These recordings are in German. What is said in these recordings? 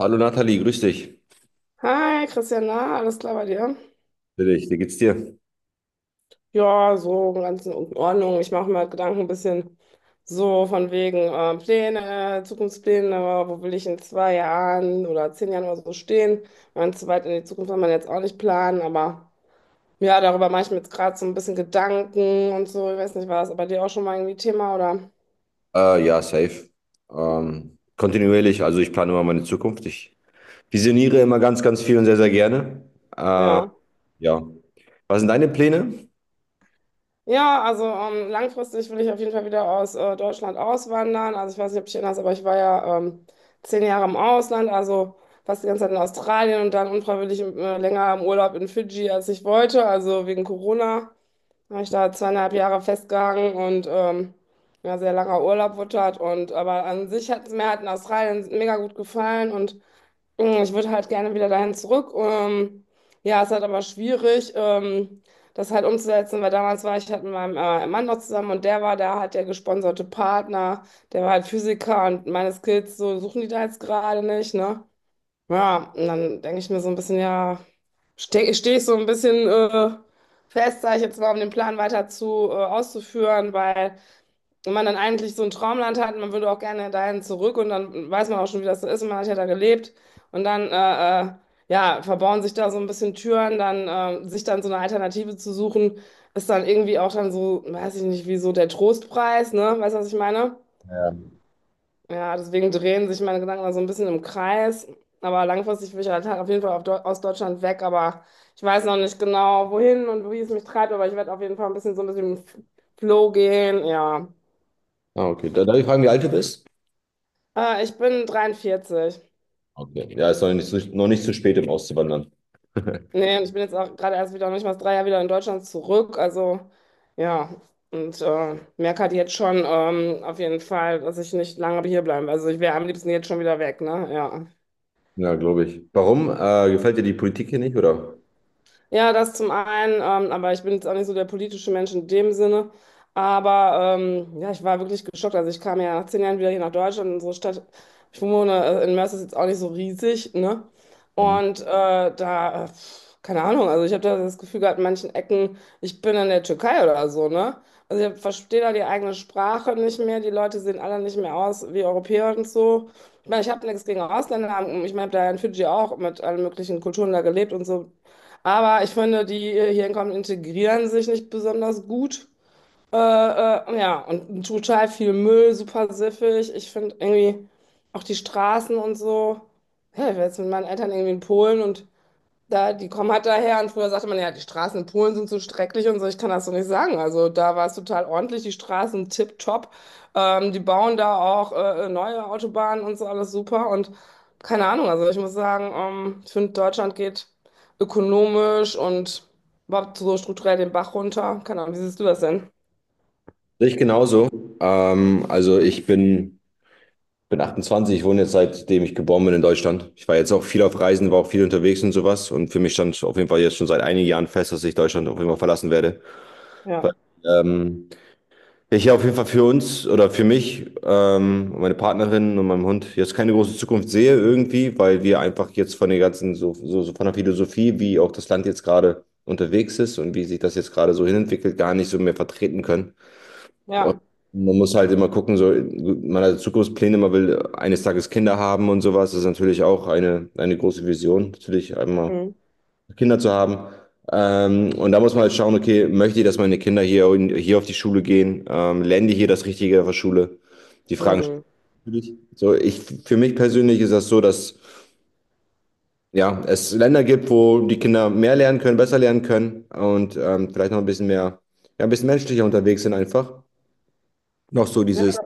Hallo Nathalie, grüß dich. Hi Christian, na, alles klar bei dir? Grüß dich, wie geht's dir? Ja, so ganz in Ordnung. Ich mache mir halt Gedanken ein bisschen so von wegen Pläne, Zukunftspläne, wo will ich in zwei Jahren oder zehn Jahren oder so stehen? Ganz zu weit in die Zukunft kann man jetzt auch nicht planen, aber ja, darüber mache ich mir jetzt gerade so ein bisschen Gedanken und so. Ich weiß nicht, war das bei dir auch schon mal irgendwie Thema oder? Ja, safe. Kontinuierlich, also ich plane immer meine Zukunft. Ich visioniere immer ganz, ganz viel und sehr, sehr gerne. Äh, Ja. ja. Was sind deine Pläne? Ja, also langfristig will ich auf jeden Fall wieder aus Deutschland auswandern. Also ich weiß nicht, ob du dich erinnerst, aber ich war ja zehn Jahre im Ausland, also fast die ganze Zeit in Australien und dann unfreiwillig länger im Urlaub in Fidschi, als ich wollte. Also wegen Corona habe ich da zweieinhalb Jahre festgehangen und ja, sehr langer Urlaub wurde das. Und aber an sich hat es mir halt in Australien mega gut gefallen und ich würde halt gerne wieder dahin zurück. Ja, ist halt aber schwierig, das halt umzusetzen, weil damals war ich halt mit meinem Mann noch zusammen und der war da, hat der gesponserte Partner, der war halt Physiker und meine Skills, so suchen die da jetzt gerade nicht, ne? Ja, und dann denke ich mir so ein bisschen, ja, steh ich so ein bisschen fest, sage ich jetzt mal, um den Plan weiter zu auszuführen, weil wenn man dann eigentlich so ein Traumland hat, man würde auch gerne dahin zurück und dann weiß man auch schon, wie das so ist und man hat ja da gelebt und dann ja, verbauen sich da so ein bisschen Türen, dann sich dann so eine Alternative zu suchen, ist dann irgendwie auch dann so, weiß ich nicht, wie so der Trostpreis, ne? Weißt du, was ich meine? Ja, deswegen drehen sich meine Gedanken da so ein bisschen im Kreis, aber langfristig will ich halt auf jeden Fall auf aus Deutschland weg, aber ich weiß noch nicht genau, wohin und wie es mich treibt, aber ich werde auf jeden Fall ein bisschen so ein bisschen im Flow gehen, ja. Ah, okay. Darf ich fragen, wie alt du bist? Ich bin 43. Okay. Ja, ist noch nicht zu spät, um auszuwandern. Nee, und ich bin jetzt auch gerade erst wieder, noch nicht mal drei Jahre wieder in Deutschland zurück. Also, ja. Und merke halt jetzt schon auf jeden Fall, dass ich nicht lange hier bleiben. Also, ich wäre am liebsten jetzt schon wieder weg, ne? Ja. Ja, glaube ich. Warum? Gefällt dir die Politik hier nicht, oder? Ja, das zum einen, aber ich bin jetzt auch nicht so der politische Mensch in dem Sinne. Aber ja, ich war wirklich geschockt. Also ich kam ja nach zehn Jahren wieder hier nach Deutschland, in unsere Stadt. Ich wohne in Mörs, ist jetzt auch nicht so riesig, ne? Mhm. Und keine Ahnung, also ich habe da das Gefühl gehabt, in manchen Ecken, ich bin in der Türkei oder so, ne? Also ich verstehe da die eigene Sprache nicht mehr, die Leute sehen alle nicht mehr aus wie Europäer und so. Ich meine, ich habe nichts gegen Ausländer. Ich meine, ich habe da in Fidschi auch mit allen möglichen Kulturen da gelebt und so. Aber ich finde, die hier hinkommen, integrieren sich nicht besonders gut. Ja, und total viel Müll, super siffig. Ich finde irgendwie auch die Straßen und so. Ja, ich war jetzt mit meinen Eltern irgendwie in Polen und da, die kommen halt daher und früher sagte man ja, die Straßen in Polen sind so schrecklich und so, ich kann das so nicht sagen. Also da war es total ordentlich, die Straßen tipptopp. Die bauen da auch neue Autobahnen und so, alles super und keine Ahnung. Also ich muss sagen, ich finde, Deutschland geht ökonomisch und überhaupt so strukturell den Bach runter. Keine Ahnung, wie siehst du das denn? Sehe ich genauso. Also ich bin 28. Ich wohne jetzt seitdem ich geboren bin in Deutschland. Ich war jetzt auch viel auf Reisen, war auch viel unterwegs und sowas. Und für mich stand auf jeden Fall jetzt schon seit einigen Jahren fest, dass ich Deutschland auf jeden Fall verlassen werde. Weil Ja, ähm, ich hier auf jeden Fall für uns oder für mich, und meine Partnerin und meinem Hund jetzt keine große Zukunft sehe irgendwie, weil wir einfach jetzt von der ganzen, so von der Philosophie, wie auch das Land jetzt gerade unterwegs ist und wie sich das jetzt gerade so hinentwickelt, gar nicht so mehr vertreten können. Und ja. man muss halt immer gucken, so, man hat Zukunftspläne, man will eines Tages Kinder haben und sowas. Das ist natürlich auch eine große Vision, natürlich einmal Mhm. Kinder zu haben. Und da muss man halt schauen, okay, möchte ich, dass meine Kinder hier, hier auf die Schule gehen? Lernen die hier das Richtige auf der Schule? Die Fragen stellen Mhm. natürlich. So, ich, für mich persönlich ist das so, dass ja, es Länder gibt, wo die Kinder mehr lernen können, besser lernen können und vielleicht noch ein bisschen mehr, ja, ein bisschen menschlicher unterwegs sind einfach. Noch so dieses,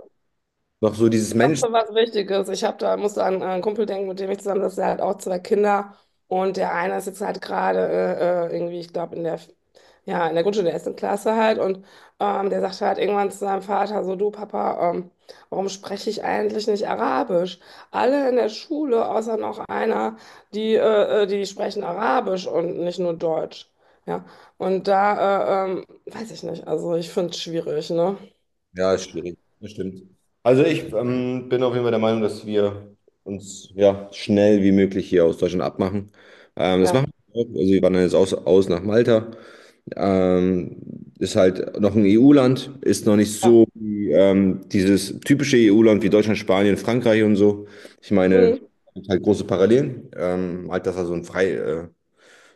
noch so dieses Mensch. Was Wichtiges. Ich hab da, musste an einen Kumpel denken, mit dem ich zusammen sitze. Der hat auch zwei Kinder. Und der eine ist jetzt halt gerade irgendwie, ich glaube, in der, ja, in der Grundschule, der ersten Klasse halt. Und der sagte halt irgendwann zu seinem Vater so, du Papa, warum spreche ich eigentlich nicht Arabisch? Alle in der Schule, außer noch einer, die, die sprechen Arabisch und nicht nur Deutsch. Ja. Und da, weiß ich nicht. Also ich finde es schwierig, ne? Ja, ist schwierig. Das stimmt. Also ich bin auf jeden Fall der Meinung, dass wir uns ja schnell wie möglich hier aus Deutschland abmachen. Das Ja. machen wir auch. Also wir wandern jetzt aus, aus nach Malta. Ähm, ist halt noch ein EU-Land, ist noch nicht Ja. so wie dieses typische EU-Land wie Deutschland, Spanien, Frankreich und so. Ich meine, Hm. es gibt halt große Parallelen. Malta ist ja so ein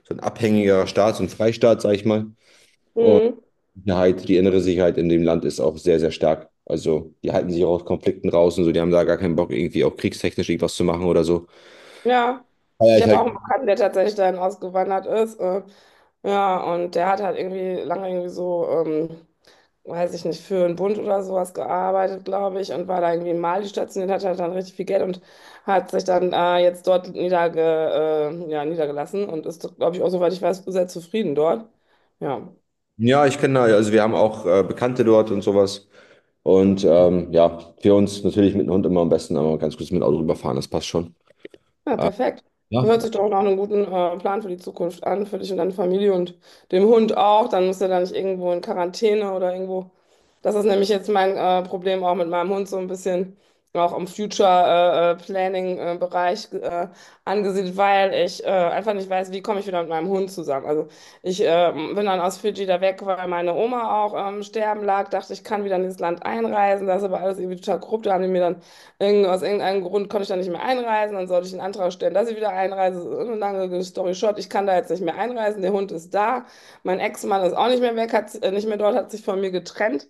so ein abhängiger Staat, so ein Freistaat, sag ich mal. Hm. Sicherheit, die innere Sicherheit in dem Land ist auch sehr, sehr stark. Also die halten sich auch aus Konflikten raus und so, die haben da gar keinen Bock, irgendwie auch kriegstechnisch irgendwas zu machen oder so. Ja, Aber ich ich habe halt, auch einen Bekannten, der tatsächlich dahin ausgewandert ist. Ja, und der hat halt irgendwie lange irgendwie so, weiß ich nicht, für einen Bund oder sowas gearbeitet, glaube ich, und war da irgendwie in Mali stationiert, hat halt dann richtig viel Geld und hat sich dann jetzt dort ja, niedergelassen und ist, glaube ich, auch, soweit ich weiß, sehr zufrieden dort. Ja. ja, ich kenne da, also wir haben auch Bekannte dort und sowas. Und ja, für uns natürlich mit dem Hund immer am besten, aber ganz kurz mit dem Auto rüberfahren, das passt schon. Ja, Äh, perfekt. ja. Hört sich doch nach einem guten Plan für die Zukunft an, für dich und deine Familie und dem Hund auch. Dann muss er da nicht irgendwo in Quarantäne oder irgendwo. Das ist nämlich jetzt mein Problem auch mit meinem Hund so ein bisschen auch im Future Planning Bereich angesiedelt, weil ich einfach nicht weiß, wie komme ich wieder mit meinem Hund zusammen. Also ich bin dann aus Fidschi da weg, weil meine Oma auch sterben lag, dachte, ich kann wieder in dieses Land einreisen. Das ist aber alles irgendwie total korrupt. Da haben die mir dann aus irgendeinem Grund konnte ich da nicht mehr einreisen, dann sollte ich einen Antrag stellen, dass ich wieder einreise. So eine lange story short, ich kann da jetzt nicht mehr einreisen, der Hund ist da, mein Ex-Mann ist auch nicht mehr weg, hat, nicht mehr dort, hat sich von mir getrennt.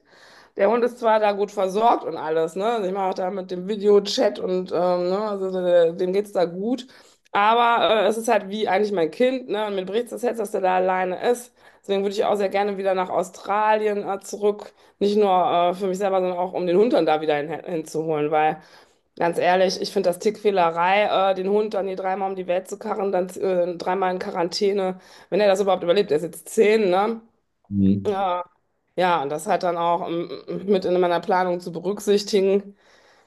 Der Hund ist zwar da gut versorgt und alles, ne? Also ich mache auch da mit dem Videochat und ne? Also dem geht's da gut. Aber es ist halt wie eigentlich mein Kind, ne? Und mir bricht das Herz, dass der da alleine ist. Deswegen würde ich auch sehr gerne wieder nach Australien zurück. Nicht nur für mich selber, sondern auch um den Hund dann da wieder hinzuholen, weil. Ganz ehrlich, ich finde das Tickfehlerei, den Hund dann hier dreimal um die Welt zu karren, dann dreimal in Quarantäne, wenn er das überhaupt überlebt, er ist jetzt zehn, ne? Mhm. Ja, ja, und das halt dann auch mit in meiner Planung zu berücksichtigen,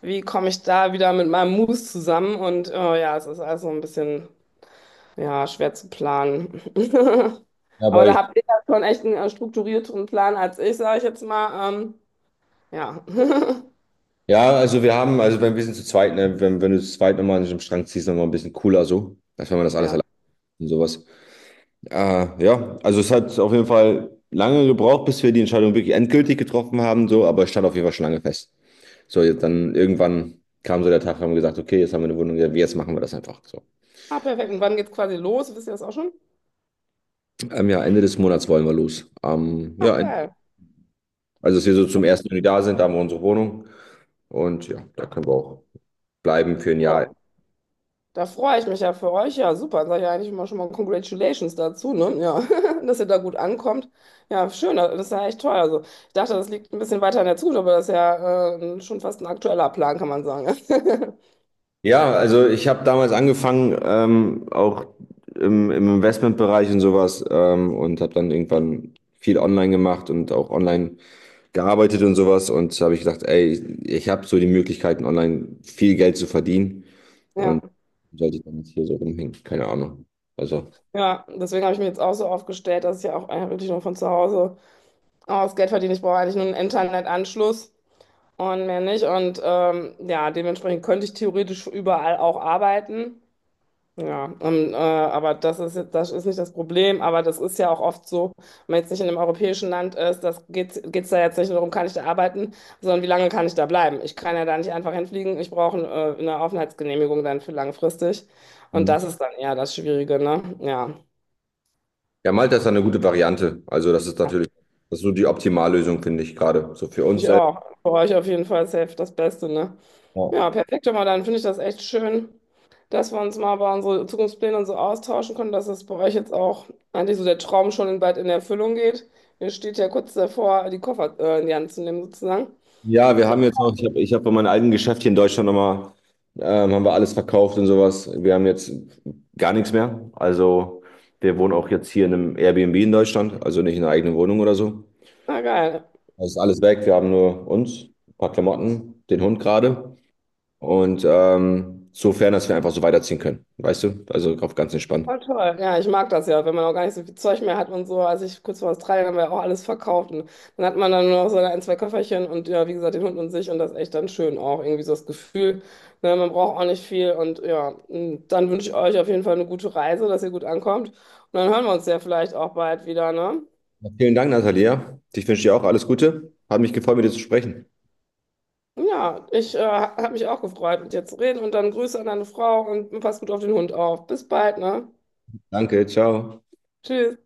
wie komme ich da wieder mit meinem Moose zusammen und ja, es ist also ein bisschen, ja, schwer zu planen. Ja, Aber aber da ich, habt ihr ja schon echt einen strukturierteren Plan als ich, sage ich jetzt mal. Ja. ja, also wir haben, also wenn wir sind zu zweit, ne, wenn du zu zweit nochmal an einem Strang ziehst, nochmal ein bisschen cooler so, als wenn man das alles allein Ja. und sowas. Ah, ja, also es hat auf jeden Fall lange gebraucht, bis wir die Entscheidung wirklich endgültig getroffen haben, so, aber es stand auf jeden Fall schon lange fest. So, jetzt dann irgendwann kam so der Tag, haben wir gesagt, okay, jetzt haben wir eine Wohnung, ja, jetzt machen wir das einfach so. Ah, perfekt. Und wann geht's quasi los? Wisst ihr das auch schon? Ja, Ende des Monats wollen wir los. Ach, geil. Also dass wir so zum 1. Juni da sind, da haben wir unsere Wohnung und ja, da können wir auch bleiben für ein Jahr. Oh. Da freue ich mich ja für euch. Ja, super. Dann sage ich ja eigentlich immer schon mal Congratulations dazu, ne? Ja, dass ihr da gut ankommt. Ja, schön. Das ist ja echt toll. Also, ich dachte, das liegt ein bisschen weiter in der Zukunft, aber das ist ja schon fast ein aktueller Plan, kann man sagen. Ja, also ich habe damals angefangen, auch im Investmentbereich und sowas und habe dann irgendwann viel online gemacht und auch online gearbeitet und sowas und habe ich gedacht, ey, ich habe so die Möglichkeiten, online viel Geld zu verdienen Ja, und sollte ich dann nicht hier so rumhängen, keine Ahnung. Also, ja. Deswegen habe ich mir jetzt auch so aufgestellt, dass ich ja auch eigentlich wirklich nur von zu Hause aus Geld verdiene. Ich brauche eigentlich nur einen Internetanschluss und mehr nicht. Und ja, dementsprechend könnte ich theoretisch überall auch arbeiten. Ja, aber das ist jetzt, das ist nicht das Problem, aber das ist ja auch oft so, wenn man jetzt nicht in einem europäischen Land ist, das geht's da jetzt nicht nur darum, kann ich da arbeiten, sondern wie lange kann ich da bleiben? Ich kann ja da nicht einfach hinfliegen, ich brauche eine Aufenthaltsgenehmigung dann für langfristig. Und Mhm. das ist dann eher das Schwierige, ne? Ja. Ja, Malta ist da eine gute Variante. Also, das ist natürlich, das ist so die Optimallösung, finde ich gerade, so für uns Ich selbst. auch. Für euch auf jeden Fall safe das Beste, ne? Ja, Ja, perfekt. Aber dann finde ich das echt schön, dass wir uns mal über unsere Zukunftspläne und so austauschen können, dass das bei euch jetzt auch eigentlich so der Traum schon bald in Erfüllung geht. Ihr steht ja kurz davor, die Koffer in die Hand zu nehmen, sozusagen. ja, wir haben jetzt noch, ich hab bei meinem alten Geschäft hier in Deutschland nochmal, haben wir alles verkauft und sowas. Wir haben jetzt gar nichts mehr. Also, wir wohnen auch jetzt hier in einem Airbnb in Deutschland, also nicht in einer eigenen Wohnung oder so. Na geil. Es ist alles weg. Wir haben nur uns, ein paar Klamotten, den Hund gerade. Und sofern, dass wir einfach so weiterziehen können. Weißt du? Also auf ganz entspannt. Voll toll. Ja, ich mag das ja, wenn man auch gar nicht so viel Zeug mehr hat und so. Als ich kurz vor Australien haben wir auch alles verkauft und dann hat man dann nur noch so ein, zwei Köfferchen und ja, wie gesagt, den Hund und sich und das ist echt dann schön auch. Irgendwie so das Gefühl, ne, man braucht auch nicht viel und ja, und dann wünsche ich euch auf jeden Fall eine gute Reise, dass ihr gut ankommt und dann hören wir uns ja vielleicht auch bald wieder, ne? Vielen Dank, Natalia. Ich wünsche dir auch alles Gute. Hat mich gefreut, mit dir zu sprechen. Ja, ich habe mich auch gefreut, mit dir zu reden und dann Grüße an deine Frau und pass gut auf den Hund auf. Bis bald, ne? Danke, ciao. Tschüss.